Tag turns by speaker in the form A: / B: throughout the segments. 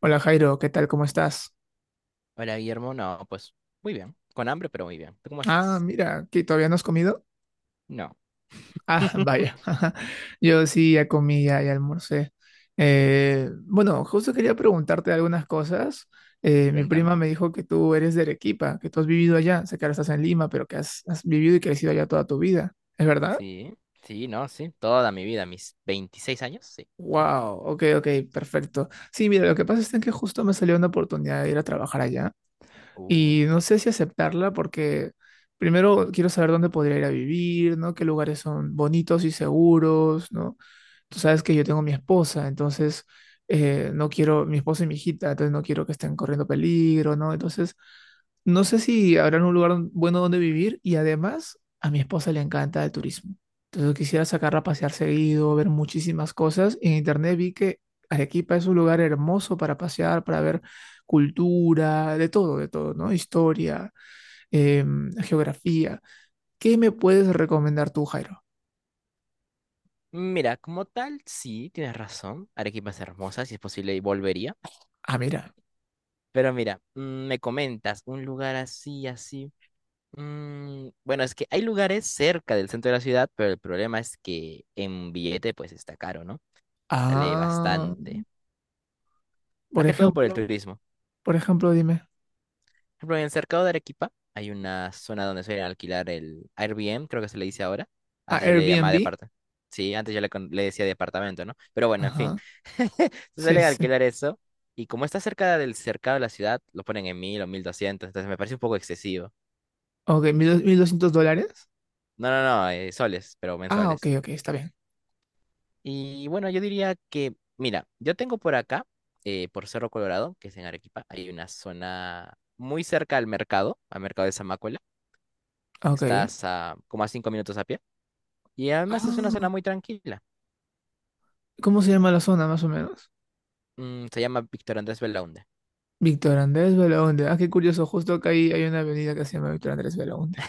A: Hola Jairo, ¿qué tal? ¿Cómo estás?
B: Hola, Guillermo. No, pues muy bien. Con hambre, pero muy bien. ¿Tú cómo
A: Ah,
B: estás?
A: mira, ¿que todavía no has comido?
B: No,
A: Ah, vaya. Yo sí ya comí, ya almorcé. Bueno, justo quería preguntarte algunas cosas. Mi
B: cuéntame.
A: prima me dijo que tú eres de Arequipa, que tú has vivido allá. Sé que ahora estás en Lima, pero que has vivido y crecido allá toda tu vida. ¿Es verdad?
B: Sí, sí, no, sí. Toda mi vida, mis 26 años, sí. Sí, sí.
A: Wow, ok, ok, perfecto. Sí, mira, lo que pasa es que justo me salió una oportunidad de ir a trabajar allá.
B: Uh,
A: Y no sé si aceptarla porque primero quiero saber dónde podría ir a vivir, ¿no? Qué lugares son bonitos y seguros, ¿no? Tú sabes que yo tengo mi esposa, entonces no quiero, mi esposa y mi hijita, entonces no quiero que estén corriendo peligro, ¿no? Entonces, no sé si habrán un lugar bueno donde vivir, y además a mi esposa le encanta el turismo. Entonces quisiera sacarla a pasear seguido, ver muchísimas cosas. En internet vi que Arequipa es un lugar hermoso para pasear, para ver cultura, de todo, ¿no? Historia, geografía. ¿Qué me puedes recomendar tú, Jairo?
B: Mira, como tal, sí, tienes razón. Arequipa es hermosa, si es posible, y volvería.
A: Ah, mira.
B: Pero mira, me comentas, un lugar así, así. Bueno, es que hay lugares cerca del centro de la ciudad, pero el problema es que en billete, pues está caro, ¿no? Sale
A: Ah.
B: bastante. Más
A: Por
B: que todo por el
A: ejemplo,
B: turismo.
A: por ejemplo, dime.
B: Por ejemplo, en el cercado de Arequipa hay una zona donde suelen alquilar el Airbnb, creo que se le dice ahora.
A: Ah,
B: Antes yo le llamaba
A: Airbnb.
B: departamento. Sí, antes yo le decía departamento, ¿no? Pero bueno, en fin.
A: Ajá.
B: Se
A: Sí,
B: suele
A: sí, sí.
B: alquilar eso. Y como está cerca del cercado de la ciudad, lo ponen en 1000 o 1200. Entonces me parece un poco excesivo.
A: Ok, mil $1.200.
B: No, no, no, soles, pero
A: Ah, ok,
B: mensuales.
A: ok, está bien.
B: Y bueno, yo diría que, mira, yo tengo por acá, por Cerro Colorado, que es en Arequipa, hay una zona muy cerca al mercado de Zamácuela.
A: Ok.
B: Estás a como a 5 minutos a pie. Y además es una
A: Ah,
B: zona muy tranquila.
A: ¿cómo se llama la zona, más o menos?
B: Se llama Víctor Andrés Belaunde.
A: Víctor Andrés Belaúnde. Ah, qué curioso, justo acá ahí hay una avenida que se llama Víctor Andrés Belaúnde.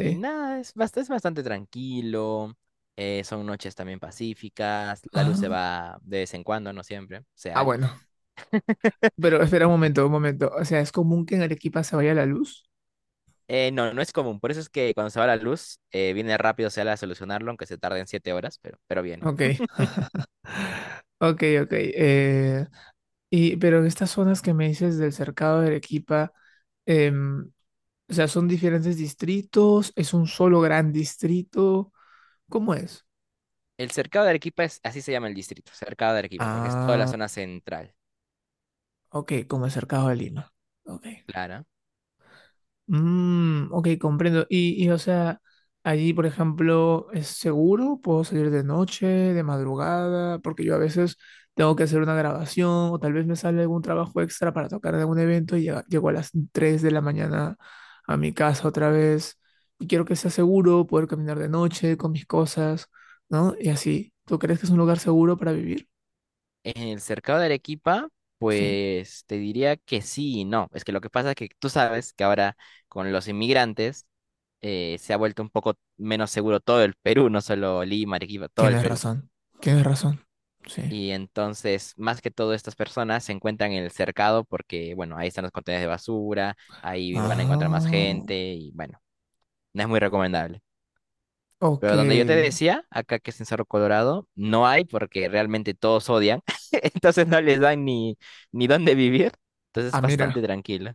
B: Y nada, es bastante tranquilo. Son noches también pacíficas. La luz se
A: Ah.
B: va de vez en cuando, no siempre,
A: Ah,
B: Seal.
A: bueno. Pero espera un momento, un momento. O sea, ¿es común que en Arequipa se vaya la luz?
B: No, no es común. Por eso es que cuando se va la luz, viene rápido Seal a solucionarlo, aunque se tarden 7 horas, pero viene.
A: Ok, ok, ok. Pero en estas zonas que me dices del cercado de Arequipa, em, o sea, son diferentes distritos, es un solo gran distrito. ¿Cómo es?
B: El cercado de Arequipa es, así se llama el distrito, cercado de Arequipa, porque es toda la
A: Ah,
B: zona central.
A: ok, como es cercado de Lima. Ok.
B: Claro.
A: Mm, ok, comprendo. Y, o sea, allí, por ejemplo, ¿es seguro? ¿Puedo salir de noche, de madrugada? Porque yo a veces tengo que hacer una grabación o tal vez me sale algún trabajo extra para tocar en algún evento y llego a las 3 de la mañana a mi casa otra vez. Y quiero que sea seguro, poder caminar de noche con mis cosas, ¿no? Y así. ¿Tú crees que es un lugar seguro para vivir?
B: En el cercado de Arequipa,
A: Sí,
B: pues te diría que sí y no. Es que lo que pasa es que tú sabes que ahora con los inmigrantes se ha vuelto un poco menos seguro todo el Perú, no solo Lima, Arequipa, todo el
A: tienes
B: Perú.
A: razón. Tienes razón. Sí.
B: Y entonces, más que todo, estas personas se encuentran en el cercado porque, bueno, ahí están los contenedores de basura, ahí van a encontrar más
A: Ah,
B: gente y, bueno, no es muy recomendable.
A: ok.
B: Pero donde yo te decía, acá que es en Cerro Colorado, no hay porque realmente todos odian. Entonces no les dan ni dónde vivir. Entonces es
A: Ah, mira.
B: bastante tranquilo.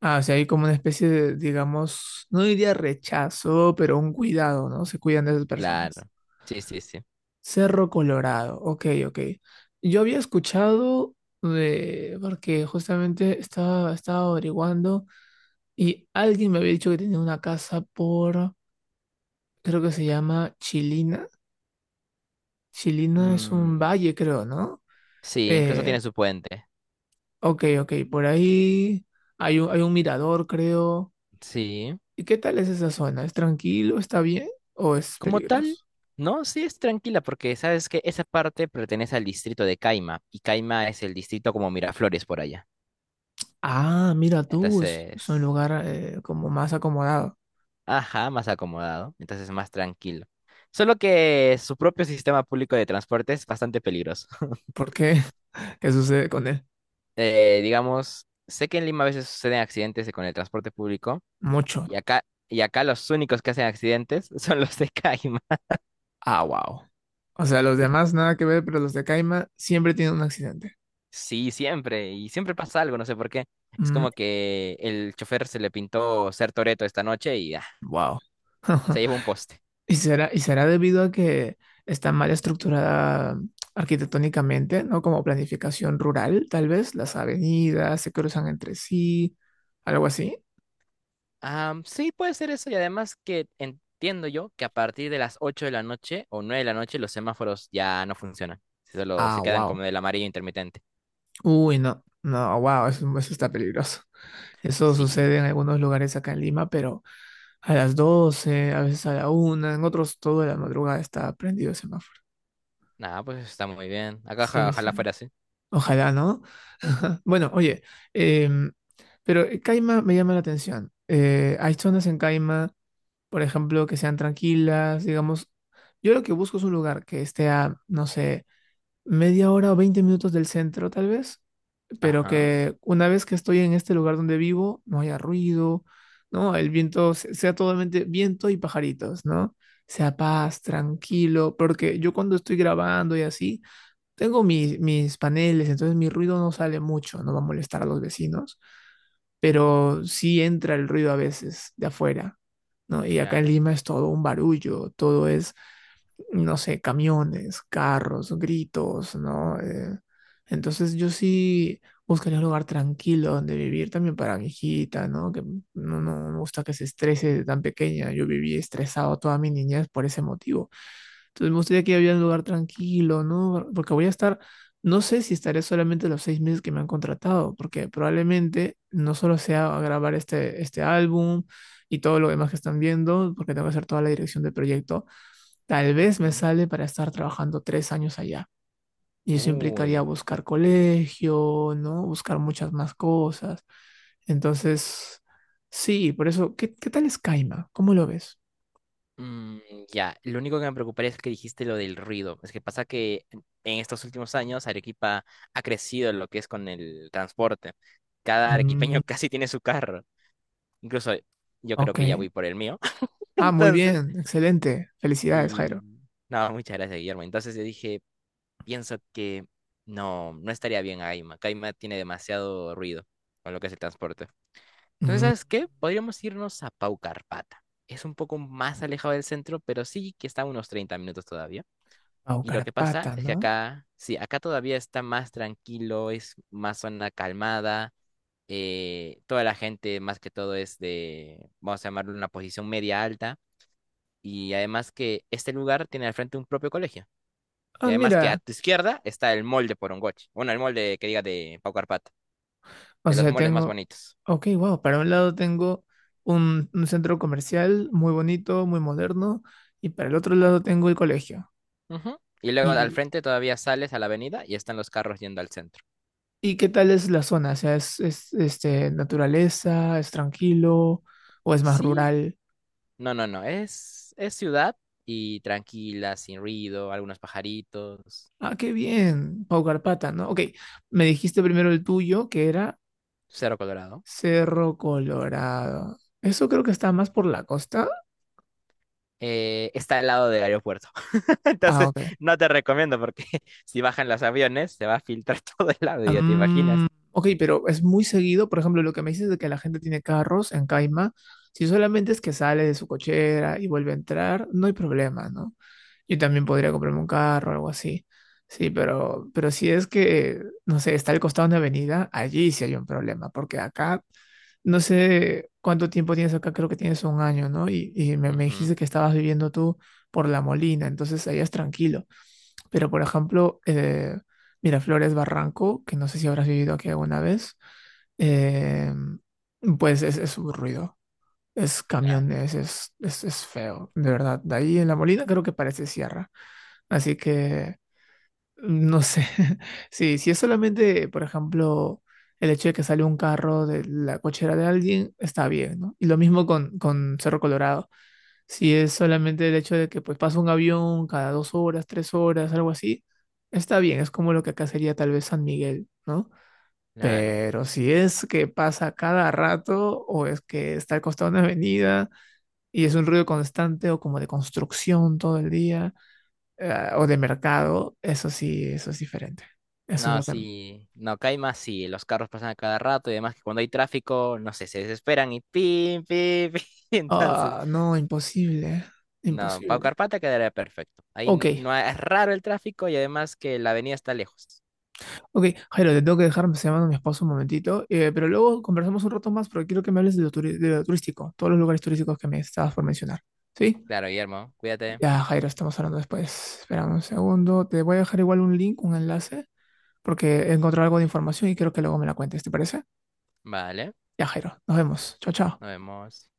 A: Ah, o sea, hay como una especie de, digamos, no diría rechazo, pero un cuidado, ¿no? Se cuidan de esas
B: Claro.
A: personas.
B: Sí, sí, sí.
A: Cerro Colorado, ok, ok. Yo había escuchado de, porque justamente estaba averiguando y alguien me había dicho que tenía una casa por, creo que se llama Chilina. Chilina es un
B: Mm,
A: valle, creo, ¿no?
B: sí, incluso
A: Eh,
B: tiene su puente.
A: ok, ok, por ahí hay un mirador, creo.
B: Sí.
A: ¿Y qué tal es esa zona? ¿Es tranquilo? ¿Está bien? ¿O es
B: Como tal,
A: peligroso?
B: no, sí es tranquila porque sabes que esa parte pertenece al distrito de Caima. Y Caima es el distrito como Miraflores por allá.
A: Ah, mira tú, es un
B: Entonces,
A: lugar como más acomodado.
B: ajá, más acomodado, entonces más tranquilo. Solo que su propio sistema público de transporte es bastante peligroso.
A: ¿Por qué? ¿Qué sucede con él?
B: Digamos, sé que en Lima a veces suceden accidentes con el transporte público
A: Mucho.
B: y acá, los únicos que hacen accidentes son los de Caima.
A: Ah, wow. O sea, los demás nada que ver, pero los de Caima siempre tienen un accidente.
B: Sí, siempre, y siempre pasa algo, no sé por qué. Es
A: Mm,
B: como que el chofer se le pintó ser Toreto esta noche y
A: wow.
B: se llevó un poste.
A: Y será debido a que está mal estructurada arquitectónicamente, ¿no? Como planificación rural, tal vez. Las avenidas se cruzan entre sí, algo así.
B: Sí, puede ser eso y además que entiendo yo que a partir de las 8 de la noche o 9 de la noche los semáforos ya no funcionan. Si solo se
A: Ah,
B: quedan
A: wow.
B: como del amarillo intermitente.
A: Uy, no, no, wow, eso está peligroso. Eso
B: Sí,
A: sucede en algunos lugares acá en Lima, pero a las 12, a veces a la 1 en otros, toda la madrugada está prendido el semáforo.
B: nada, pues está muy bien. Acá
A: Sí,
B: ojalá
A: sí.
B: fuera así.
A: Ojalá, ¿no? Bueno, oye, em, pero Caima me llama la atención. Hay zonas en Caima, por ejemplo, que sean tranquilas, digamos. Yo lo que busco es un lugar que esté a, no sé, media hora o 20 minutos del centro, tal vez. Pero
B: Ajá,
A: que una vez que estoy en este lugar donde vivo, no haya ruido, ¿no? El viento sea totalmente viento y pajaritos, ¿no? Sea paz, tranquilo, porque yo cuando estoy grabando y así, tengo mis, mis paneles, entonces mi ruido no sale mucho, no va a molestar a los vecinos, pero sí entra el ruido a veces de afuera, ¿no? Y acá en
B: claro.
A: Lima es todo un barullo, todo es, no sé, camiones, carros, gritos, ¿no? Entonces yo sí buscaría un lugar tranquilo donde vivir también para mi hijita, ¿no? Que no, no, no me gusta que se estrese de tan pequeña. Yo viví estresado toda mi niñez por ese motivo. Entonces me gustaría que había un lugar tranquilo, ¿no? Porque voy a estar, no sé si estaré solamente los 6 meses que me han contratado, porque probablemente no solo sea grabar este álbum y todo lo demás que están viendo, porque tengo que hacer toda la dirección del proyecto. Tal vez me
B: Mm.
A: sale para estar trabajando 3 años allá. Y eso implicaría
B: Uy.
A: buscar colegio, ¿no? Buscar muchas más cosas. Entonces, sí, por eso, ¿qué tal es Caima? ¿Cómo lo ves?
B: Mm, ya, lo único que me preocuparía es que dijiste lo del ruido. Es que pasa que en estos últimos años Arequipa ha crecido en lo que es con el transporte. Cada
A: Mm.
B: arequipeño casi tiene su carro. Incluso yo creo
A: Ok.
B: que ya voy por el mío.
A: Ah, muy
B: Entonces,
A: bien, excelente. Felicidades,
B: y
A: Jairo.
B: nada, muchas gracias, Guillermo. Entonces yo dije, pienso que no, no estaría bien Aima. Caima tiene demasiado ruido con lo que es el transporte. Entonces,
A: Mm.
B: ¿sabes qué? Podríamos irnos a Paucarpata. Es un poco más alejado del centro, pero sí que está a unos 30 minutos todavía.
A: Pau
B: Y lo que pasa
A: Carpata,
B: es que
A: ¿no?
B: acá, sí, acá todavía está más tranquilo, es más zona calmada. Toda la gente, más que todo, es de, vamos a llamarlo una posición media alta. Y además que este lugar tiene al frente un propio colegio. Y
A: Ah,
B: además que a
A: mira,
B: tu izquierda está el molde por Porongoche. Bueno, el molde que diga de Pau Carpata,
A: o
B: de los
A: sea,
B: moldes más
A: tengo,
B: bonitos.
A: ok, wow, para un lado tengo un centro comercial muy bonito, muy moderno, y para el otro lado tengo el colegio.
B: Ujú. Y luego al
A: ¿Y
B: frente todavía sales a la avenida y están los carros yendo al centro.
A: ¿Y qué tal es la zona? O sea, ¿es naturaleza? ¿Es tranquilo? ¿O es más
B: Sí,
A: rural?
B: no, no, no. Es ciudad y tranquila, sin ruido, algunos pajaritos,
A: Ah, qué bien, Pau Carpata, ¿no? Ok, me dijiste primero el tuyo, que era
B: Cero Colorado.
A: Cerro Colorado. Eso creo que está más por la costa.
B: Está al lado del aeropuerto.
A: Ah,
B: Entonces,
A: ok.
B: no te recomiendo porque si bajan los aviones se va a filtrar todo el lado, ya te
A: Mm,
B: imaginas.
A: ok, pero es muy seguido, por ejemplo, lo que me dices de que la gente tiene carros en Caima, si solamente es que sale de su cochera y vuelve a entrar, no hay problema, ¿no? Yo también podría comprarme un carro o algo así. Sí, pero si es que, no sé, está al costado de una avenida, allí sí hay un problema, porque acá, no sé cuánto tiempo tienes acá, creo que tienes un año, ¿no? Y me dijiste
B: Ujú,
A: que estabas viviendo tú por La Molina, entonces allá es tranquilo. Pero, por ejemplo, Miraflores Barranco, que no sé si habrás vivido aquí alguna vez, eh, pues es un ruido. Es
B: claro,
A: camiones, es feo, de verdad. De ahí en La Molina creo que parece sierra. Así que, no sé. Sí, si es solamente, por ejemplo, el hecho de que sale un carro de la cochera de alguien, está bien, ¿no? Y lo mismo con Cerro Colorado. Si es solamente el hecho de que pues pasa un avión cada 2 horas, 3 horas, algo así, está bien, es como lo que acá sería tal vez San Miguel, ¿no?
B: claro.
A: Pero si es que pasa cada rato o es que está al costado de una avenida y es un ruido constante o como de construcción todo el día, o de mercado, eso sí, eso es diferente. Eso es
B: No,
A: lo que...
B: sí, no, acá hay más sí, los carros pasan a cada rato y además que cuando hay tráfico, no sé, se desesperan y pim, pim, pim. Entonces,
A: Ah, no, imposible,
B: no, Pau
A: imposible.
B: Carpata quedaría perfecto. Ahí n-
A: Ok,
B: no ha- es raro el tráfico y además que la avenida está lejos.
A: ok, Jairo, te tengo que dejar, me está llamando mi esposo un momentito, pero luego conversamos un rato más porque quiero que me hables de lo turístico, todos los lugares turísticos que me estabas por mencionar. ¿Sí?
B: Claro, Guillermo, cuídate.
A: Ya, Jairo, estamos hablando después. Espera un segundo, te voy a dejar igual un link, un enlace, porque he encontrado algo de información y quiero que luego me la cuentes, ¿te parece?
B: Vale,
A: Ya, Jairo, nos vemos. Chao, chao.
B: nos vemos.